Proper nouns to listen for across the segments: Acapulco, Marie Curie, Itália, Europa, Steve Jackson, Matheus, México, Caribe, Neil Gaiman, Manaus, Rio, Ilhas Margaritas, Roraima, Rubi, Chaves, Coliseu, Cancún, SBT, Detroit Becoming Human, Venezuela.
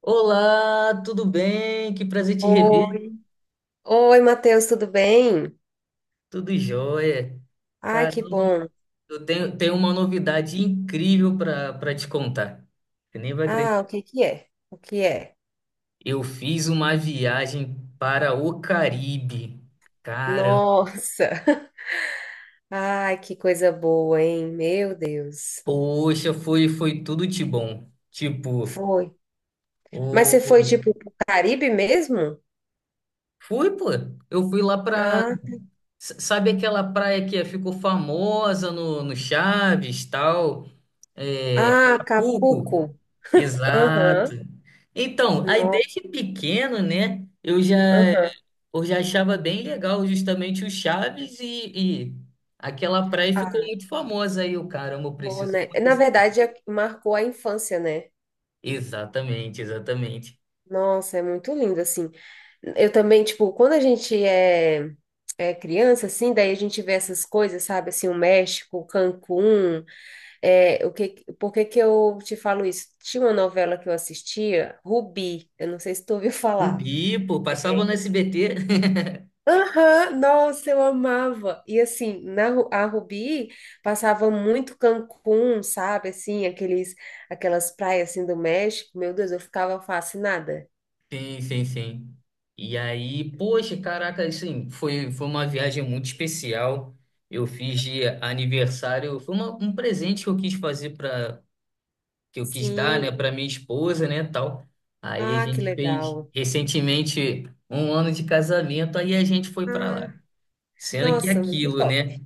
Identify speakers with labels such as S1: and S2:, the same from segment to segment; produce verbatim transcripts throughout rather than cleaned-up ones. S1: Olá, tudo bem? Que prazer te rever.
S2: Oi. Oi, Matheus, tudo bem?
S1: Tudo jóia.
S2: Ai, que
S1: Caramba,
S2: bom.
S1: eu tenho, tenho uma novidade incrível para para te contar. Você nem vai
S2: Ah,
S1: acreditar.
S2: o que que é? O que é?
S1: Eu fiz uma viagem para o Caribe. Cara,
S2: Nossa! Ai, que coisa boa, hein? Meu Deus.
S1: poxa, foi foi tudo de bom. Tipo,
S2: Foi. Mas você foi,
S1: o
S2: tipo, pro Caribe mesmo?
S1: fui, pô. Eu fui lá para
S2: Ah,
S1: sabe aquela praia que é, ficou famosa no no Chaves, tal? É,
S2: ah,
S1: Acapulco?
S2: Acapulco.
S1: Exato.
S2: Aham.
S1: Então, aí
S2: No,
S1: desde pequeno, né, eu já,
S2: aham.
S1: eu já achava bem legal justamente o Chaves e, e aquela praia ficou
S2: Ah,
S1: muito famosa aí, o caramba, eu
S2: bom,
S1: preciso
S2: né? Na
S1: conhecer.
S2: verdade, é- marcou a infância, né?
S1: Exatamente, exatamente.
S2: Nossa, é muito lindo, assim. Eu também, tipo, quando a gente é, é criança, assim, daí a gente vê essas coisas, sabe? Assim, o México, Cancún, é, o que, por que que eu te falo isso? Tinha uma novela que eu assistia, Rubi, eu não sei se tu ouviu falar.
S1: Cubi, pô, passava no S B T.
S2: Aham, nossa, eu amava. E assim, na Ru- a Rubi passava muito Cancún, sabe? Assim, aqueles, aquelas praias assim do México. Meu Deus, eu ficava fascinada.
S1: Sim, sim, sim. E aí, poxa, caraca, assim, foi, foi uma viagem muito especial. Eu fiz de aniversário, foi uma- um presente que eu quis fazer para que eu quis dar, né,
S2: Sim.
S1: para minha esposa, né, tal. Aí a
S2: Ah, que
S1: gente fez
S2: legal.
S1: recentemente um ano de casamento, aí a gente foi para
S2: Ah,
S1: lá. Sendo que
S2: nossa, muito
S1: aquilo,
S2: top.
S1: né?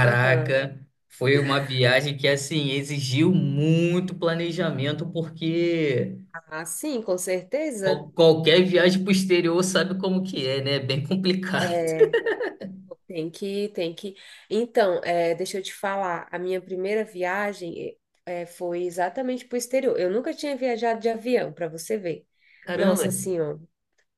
S2: Aham.
S1: foi uma viagem que assim exigiu muito planejamento porque
S2: Ah, sim, com certeza.
S1: qual- qualquer viagem pro exterior sabe como que é, né? É bem complicado.
S2: É, tem que, tem que. Então, é, deixa eu te falar, a minha primeira viagem é, é, foi exatamente para o exterior. Eu nunca tinha viajado de avião, para você ver.
S1: Caramba,
S2: Nossa senhora.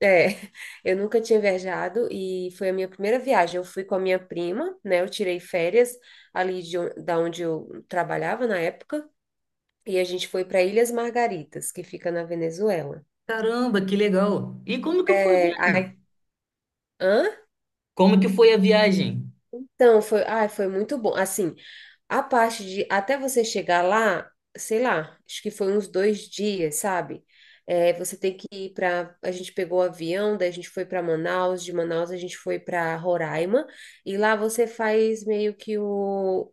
S2: É, eu nunca tinha viajado e foi a minha primeira viagem. Eu fui com a minha prima, né? Eu tirei férias ali de, on- da onde eu trabalhava na época e a gente foi para Ilhas Margaritas, que fica na Venezuela.
S1: caramba, que legal. E como que foi a
S2: É,
S1: viagem?
S2: hã?
S1: Como que foi a viagem?
S2: Então, foi, ai, foi muito bom. Assim, a parte de até você chegar lá, sei lá, acho que foi uns dois dias, sabe? É, você tem que ir para. A gente pegou o avião, daí a gente foi para Manaus, de Manaus a gente foi para Roraima, e lá você faz meio que o,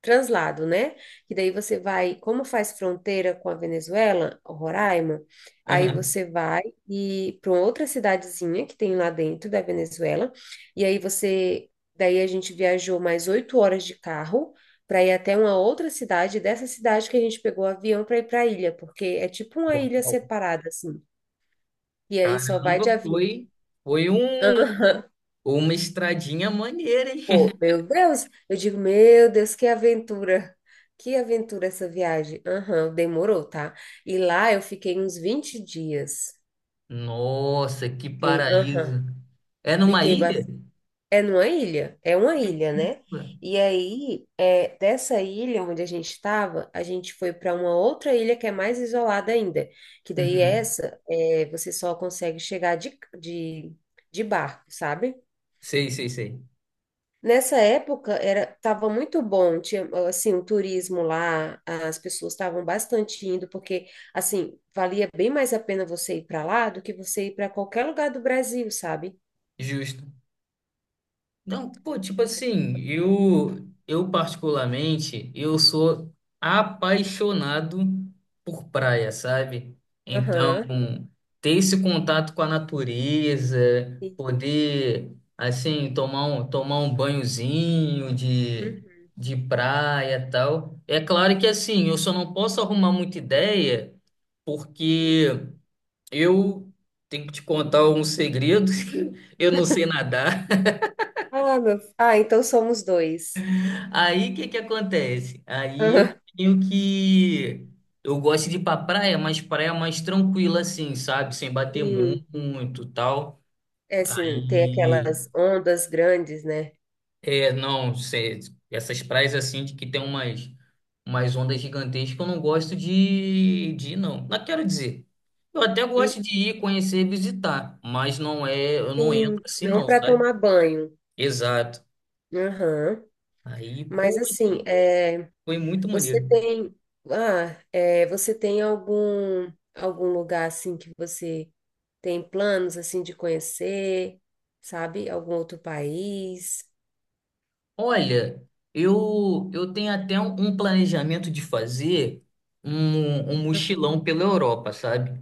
S2: translado, né? E daí você vai, como faz fronteira com a Venezuela, Roraima, aí
S1: Aham.
S2: você vai e para outra cidadezinha que tem lá dentro da Venezuela, e aí você, daí a gente viajou mais oito horas de carro para ir até uma outra cidade, dessa cidade que a gente pegou o avião para ir para a ilha, porque é tipo uma ilha separada assim. E aí só vai
S1: Caramba,
S2: de avião.
S1: foi, foi um, uma estradinha maneira, hein?
S2: Pô, meu Deus, eu digo, meu Deus, que aventura, que aventura essa viagem. Aham, demorou, tá? E lá eu fiquei uns vinte dias.
S1: Nossa, que
S2: Fiquei,
S1: paraíso.
S2: aham,
S1: É numa
S2: fiquei
S1: ilha?
S2: bastante. É numa ilha? É uma ilha, né? E aí, é, dessa ilha onde a gente estava, a gente foi para uma outra ilha que é mais isolada ainda, que daí
S1: Uhum.
S2: essa, é, você só consegue chegar de, de, de barco, sabe?
S1: Sei, sei, sei.
S2: Nessa época era estava muito bom, tinha assim o turismo lá, as pessoas estavam bastante indo porque assim valia bem mais a pena você ir para lá do que você ir para qualquer lugar do Brasil, sabe?
S1: Justo. Não, pô, tipo assim, eu, eu particularmente, eu sou apaixonado por praia, sabe? Então,
S2: Aham.
S1: ter esse contato com a natureza,
S2: Sim.
S1: poder, assim, tomar um, tomar um banhozinho de,
S2: Uhum.
S1: de praia e tal. É claro que, assim, eu só não posso arrumar muita ideia, porque
S2: Sim.
S1: eu tenho que te contar um segredo, eu não sei nadar.
S2: Ah, meu... ah, então somos dois.
S1: Aí o que que acontece? Aí eu
S2: Aham.
S1: tenho que. Eu gosto de ir pra praia, mas praia mais tranquila, assim, sabe? Sem bater mu-
S2: Sim.
S1: muito tal.
S2: É, sim, tem
S1: Aí.
S2: aquelas ondas grandes, né?
S1: É, não, cê- essas praias assim de que tem umas, umas ondas gigantescas, eu não gosto de, de ir, não. Não quero dizer. Eu até
S2: Hum,
S1: gosto de ir, conhecer, visitar, mas não é. Eu não
S2: sim,
S1: entro assim,
S2: não
S1: não,
S2: para
S1: sabe?
S2: tomar banho.
S1: Exato.
S2: Aham.
S1: Aí,
S2: Mas assim,
S1: poxa,
S2: é,
S1: foi muito
S2: Você
S1: maneiro.
S2: tem, ah, é, você tem algum algum lugar assim que você tem planos assim de conhecer, sabe? Algum outro país?
S1: Olha, eu eu tenho até um, um planejamento de fazer um, um
S2: Aham.
S1: mochilão pela Europa, sabe?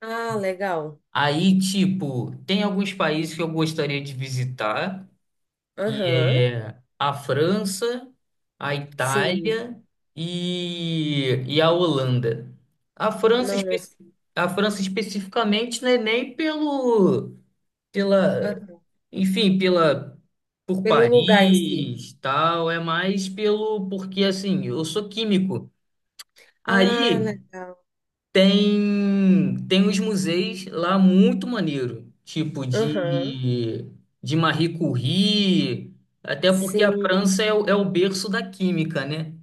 S2: Ah, legal.
S1: Aí, tipo, tem alguns países que eu gostaria de visitar, que
S2: Aham.
S1: é a França, a
S2: Sim.
S1: Itália e, e a Holanda. A França, espe-
S2: Nossa.
S1: a França especificamente, né, nem pelo pela,
S2: Aham.
S1: enfim, pela por
S2: Pelo lugar em si.
S1: Paris, tal, é mais pelo porque assim, eu sou químico.
S2: Ah,
S1: Aí
S2: legal.
S1: tem tem os museus lá muito maneiro, tipo
S2: Aham.
S1: de de Marie Curie, até porque a
S2: Sim.
S1: França é, o- é o berço da química, né?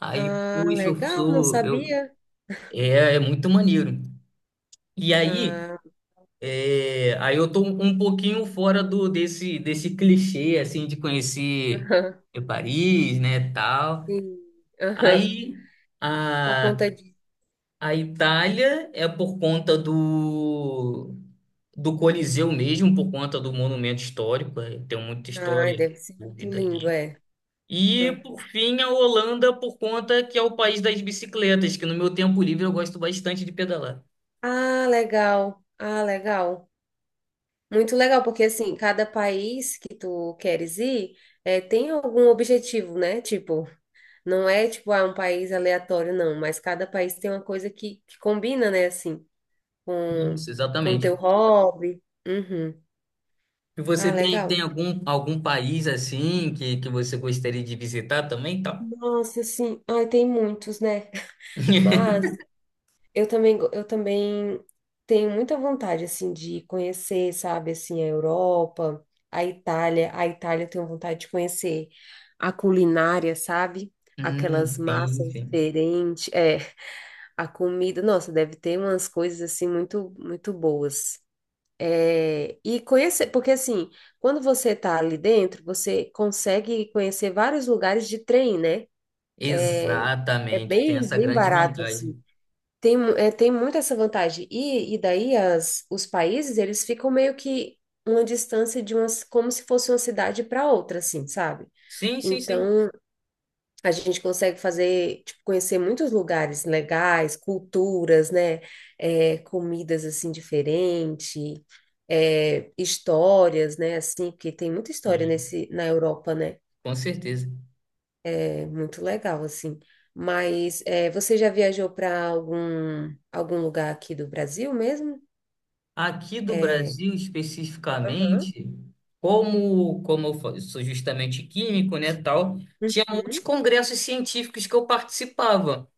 S1: Aí,
S2: Ah,
S1: poxa, eu
S2: legal. Não
S1: sou, eu,
S2: sabia.
S1: é, é muito maneiro. E aí
S2: Ah,
S1: É, aí eu tô um um pouquinho fora do desse desse clichê assim de conhecer
S2: aham.
S1: é, Paris, né, tal.
S2: Sim. Aham.
S1: Aí
S2: Por
S1: a
S2: conta de.
S1: a Itália é por conta do do Coliseu mesmo, por conta do monumento histórico, é, tem muita
S2: Ah,
S1: história
S2: deve ser muito
S1: envolvida
S2: lindo,
S1: ali.
S2: é.
S1: E por fim a Holanda por conta que é o país das bicicletas, que no meu tempo livre eu gosto bastante de pedalar.
S2: Ah, legal. Ah, legal. Muito legal, porque assim, cada país que tu queres ir, eh, tem algum objetivo, né? Tipo, não é tipo, ah, um país aleatório, não, mas cada país tem uma coisa que, que combina, né, assim, com
S1: Isso,
S2: com
S1: exatamente.
S2: teu hobby. Uhum.
S1: E você
S2: Ah,
S1: tem,
S2: legal.
S1: tem algum, algum país assim que, que você gostaria de visitar também, tal?
S2: Nossa, sim. Ai, tem muitos, né? Mas Eu também, go- eu também tenho muita vontade, assim, de conhecer, sabe, assim, a Europa, a Itália. A Itália eu tenho vontade de conhecer a culinária, sabe?
S1: Hum,
S2: Aquelas
S1: sim,
S2: massas
S1: sim.
S2: diferentes, é, a comida. Nossa, deve ter umas coisas, assim, muito, muito boas. É, e conhecer, porque, assim, quando você tá ali dentro, você consegue conhecer vários lugares de trem, né? É
S1: Exatamente, tem
S2: bem,
S1: essa
S2: bem
S1: grande
S2: barato,
S1: vantagem.
S2: assim. Tem, mu- é, tem muito essa vantagem. E, e daí as, os países, eles ficam meio que uma distância de umas, como se fosse uma cidade para outra, assim, sabe?
S1: Sim, sim, sim.
S2: Então, a gente consegue fazer, tipo, conhecer muitos lugares legais, culturas, né? É, comidas, assim, diferentes, é, histórias, né? Assim, porque tem muita história
S1: Sim,
S2: nesse, na Europa, né?
S1: com certeza.
S2: É muito legal, assim. Mas é, você já viajou para algum, algum lugar aqui do Brasil mesmo?
S1: Aqui do
S2: É,
S1: Brasil,
S2: aham.
S1: especificamente, como, como eu fa- sou justamente químico, né, tal, tinha muitos
S2: Uhum.
S1: congressos científicos que eu participava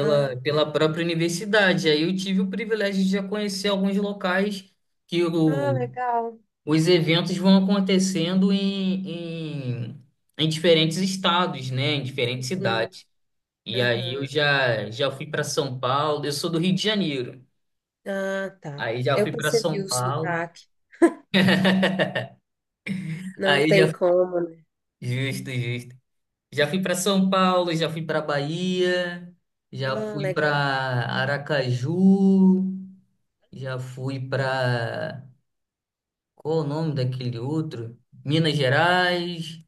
S2: ah, le-
S1: pela própria universidade. Aí eu tive o privilégio de já conhecer alguns locais que
S2: ah,
S1: eu,
S2: legal.
S1: os eventos vão acontecendo em, em, em diferentes estados, né? Em diferentes
S2: Hum,
S1: cidades. E aí eu
S2: Aham.
S1: já, já fui para São Paulo, eu sou do Rio de Janeiro.
S2: Ah, tá.
S1: Aí já
S2: Eu
S1: fui para
S2: percebi
S1: São
S2: o
S1: Paulo,
S2: sotaque. Não
S1: aí
S2: tem
S1: já
S2: como, né?
S1: justo, justo. Já fui para São Paulo, já fui para Bahia, já
S2: Ah,
S1: fui
S2: legal.
S1: para Aracaju, já fui para qual o nome daquele outro? Minas Gerais.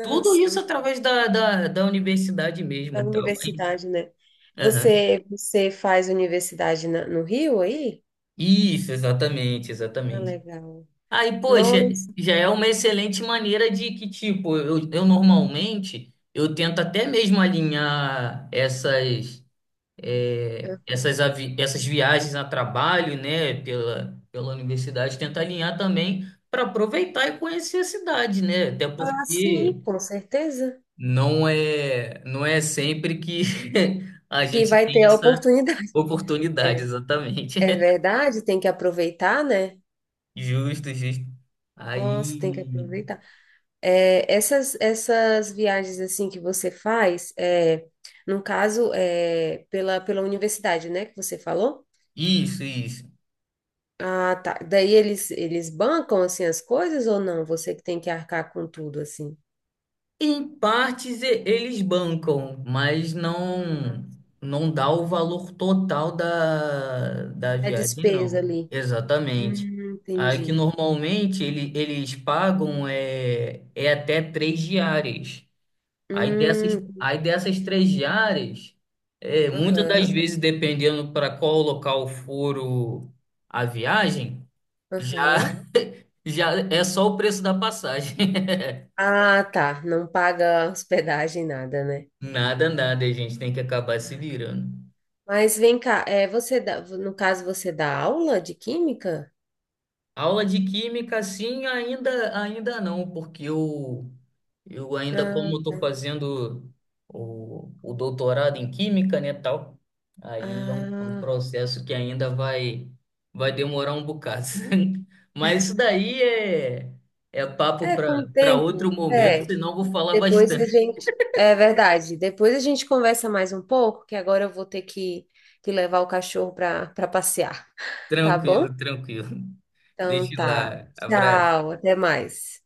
S1: Tudo isso
S2: uhum.
S1: através da, da, da universidade mesmo,
S2: Da
S1: então.
S2: universidade, né?
S1: Aham.
S2: Você, você faz universidade na- no Rio aí?
S1: Isso, exatamente,
S2: Ah,
S1: exatamente.
S2: legal.
S1: Aí, poxa,
S2: Nossa,
S1: já é uma excelente maneira de que, tipo, eu, eu normalmente, eu tento até mesmo alinhar essas, é, essas, avi- essas viagens a trabalho, né, pela, pela universidade, tento alinhar também para aproveitar e conhecer a cidade, né? Até
S2: ah, sim,
S1: porque
S2: com certeza.
S1: não é, não é sempre que a
S2: Que
S1: gente
S2: vai
S1: tem
S2: ter a
S1: essa
S2: oportunidade.
S1: oportunidade,
S2: É,
S1: exatamente.
S2: é verdade, tem que aproveitar, né?
S1: Justo, justo.
S2: Nossa, tem que
S1: Aí.
S2: aproveitar. É, essas, essas viagens assim que você faz, é, no caso, é, pela, pela universidade, né, que você falou?
S1: Isso, isso.
S2: Ah, tá. Daí eles, eles bancam assim as coisas ou não? Você que tem que arcar com tudo assim.
S1: Em partes e- eles bancam, mas não não dá o valor total da, da
S2: É
S1: viagem, não.
S2: despesa ali.
S1: Exatamente.
S2: Hum,
S1: Aí que
S2: entendi.
S1: normalmente ele, eles pagam é, é até três diárias. Aí dessas,
S2: Hum,
S1: aí dessas três diárias, é, muitas das
S2: aham,
S1: vezes, dependendo para qual local for o- a viagem,
S2: aham.
S1: já, já é só o preço da passagem.
S2: Ah, tá. Não paga hospedagem, nada, né?
S1: Nada, nada, a gente tem que acabar se
S2: Ah, né.
S1: virando.
S2: Mas vem cá, é, você dá, no caso, você dá aula de química?
S1: Aula de química, sim, ainda, ainda não, porque eu, eu ainda, como
S2: Ah,
S1: eu estou fazendo o, o doutorado em química, né, tal, aí é um, é um,
S2: ah.
S1: processo que ainda vai, vai demorar um bocado. Mas isso daí é, é papo
S2: É,
S1: para
S2: com o
S1: para outro
S2: tempo.
S1: momento,
S2: É,
S1: senão eu vou falar
S2: depois a
S1: bastante.
S2: gente. É verdade. Depois a gente conversa mais um pouco, que agora eu vou ter que, que levar o cachorro para para passear. Tá bom?
S1: Tranquilo, tranquilo.
S2: Então
S1: Deixa
S2: tá.
S1: lá. Abraço.
S2: Tchau, até mais.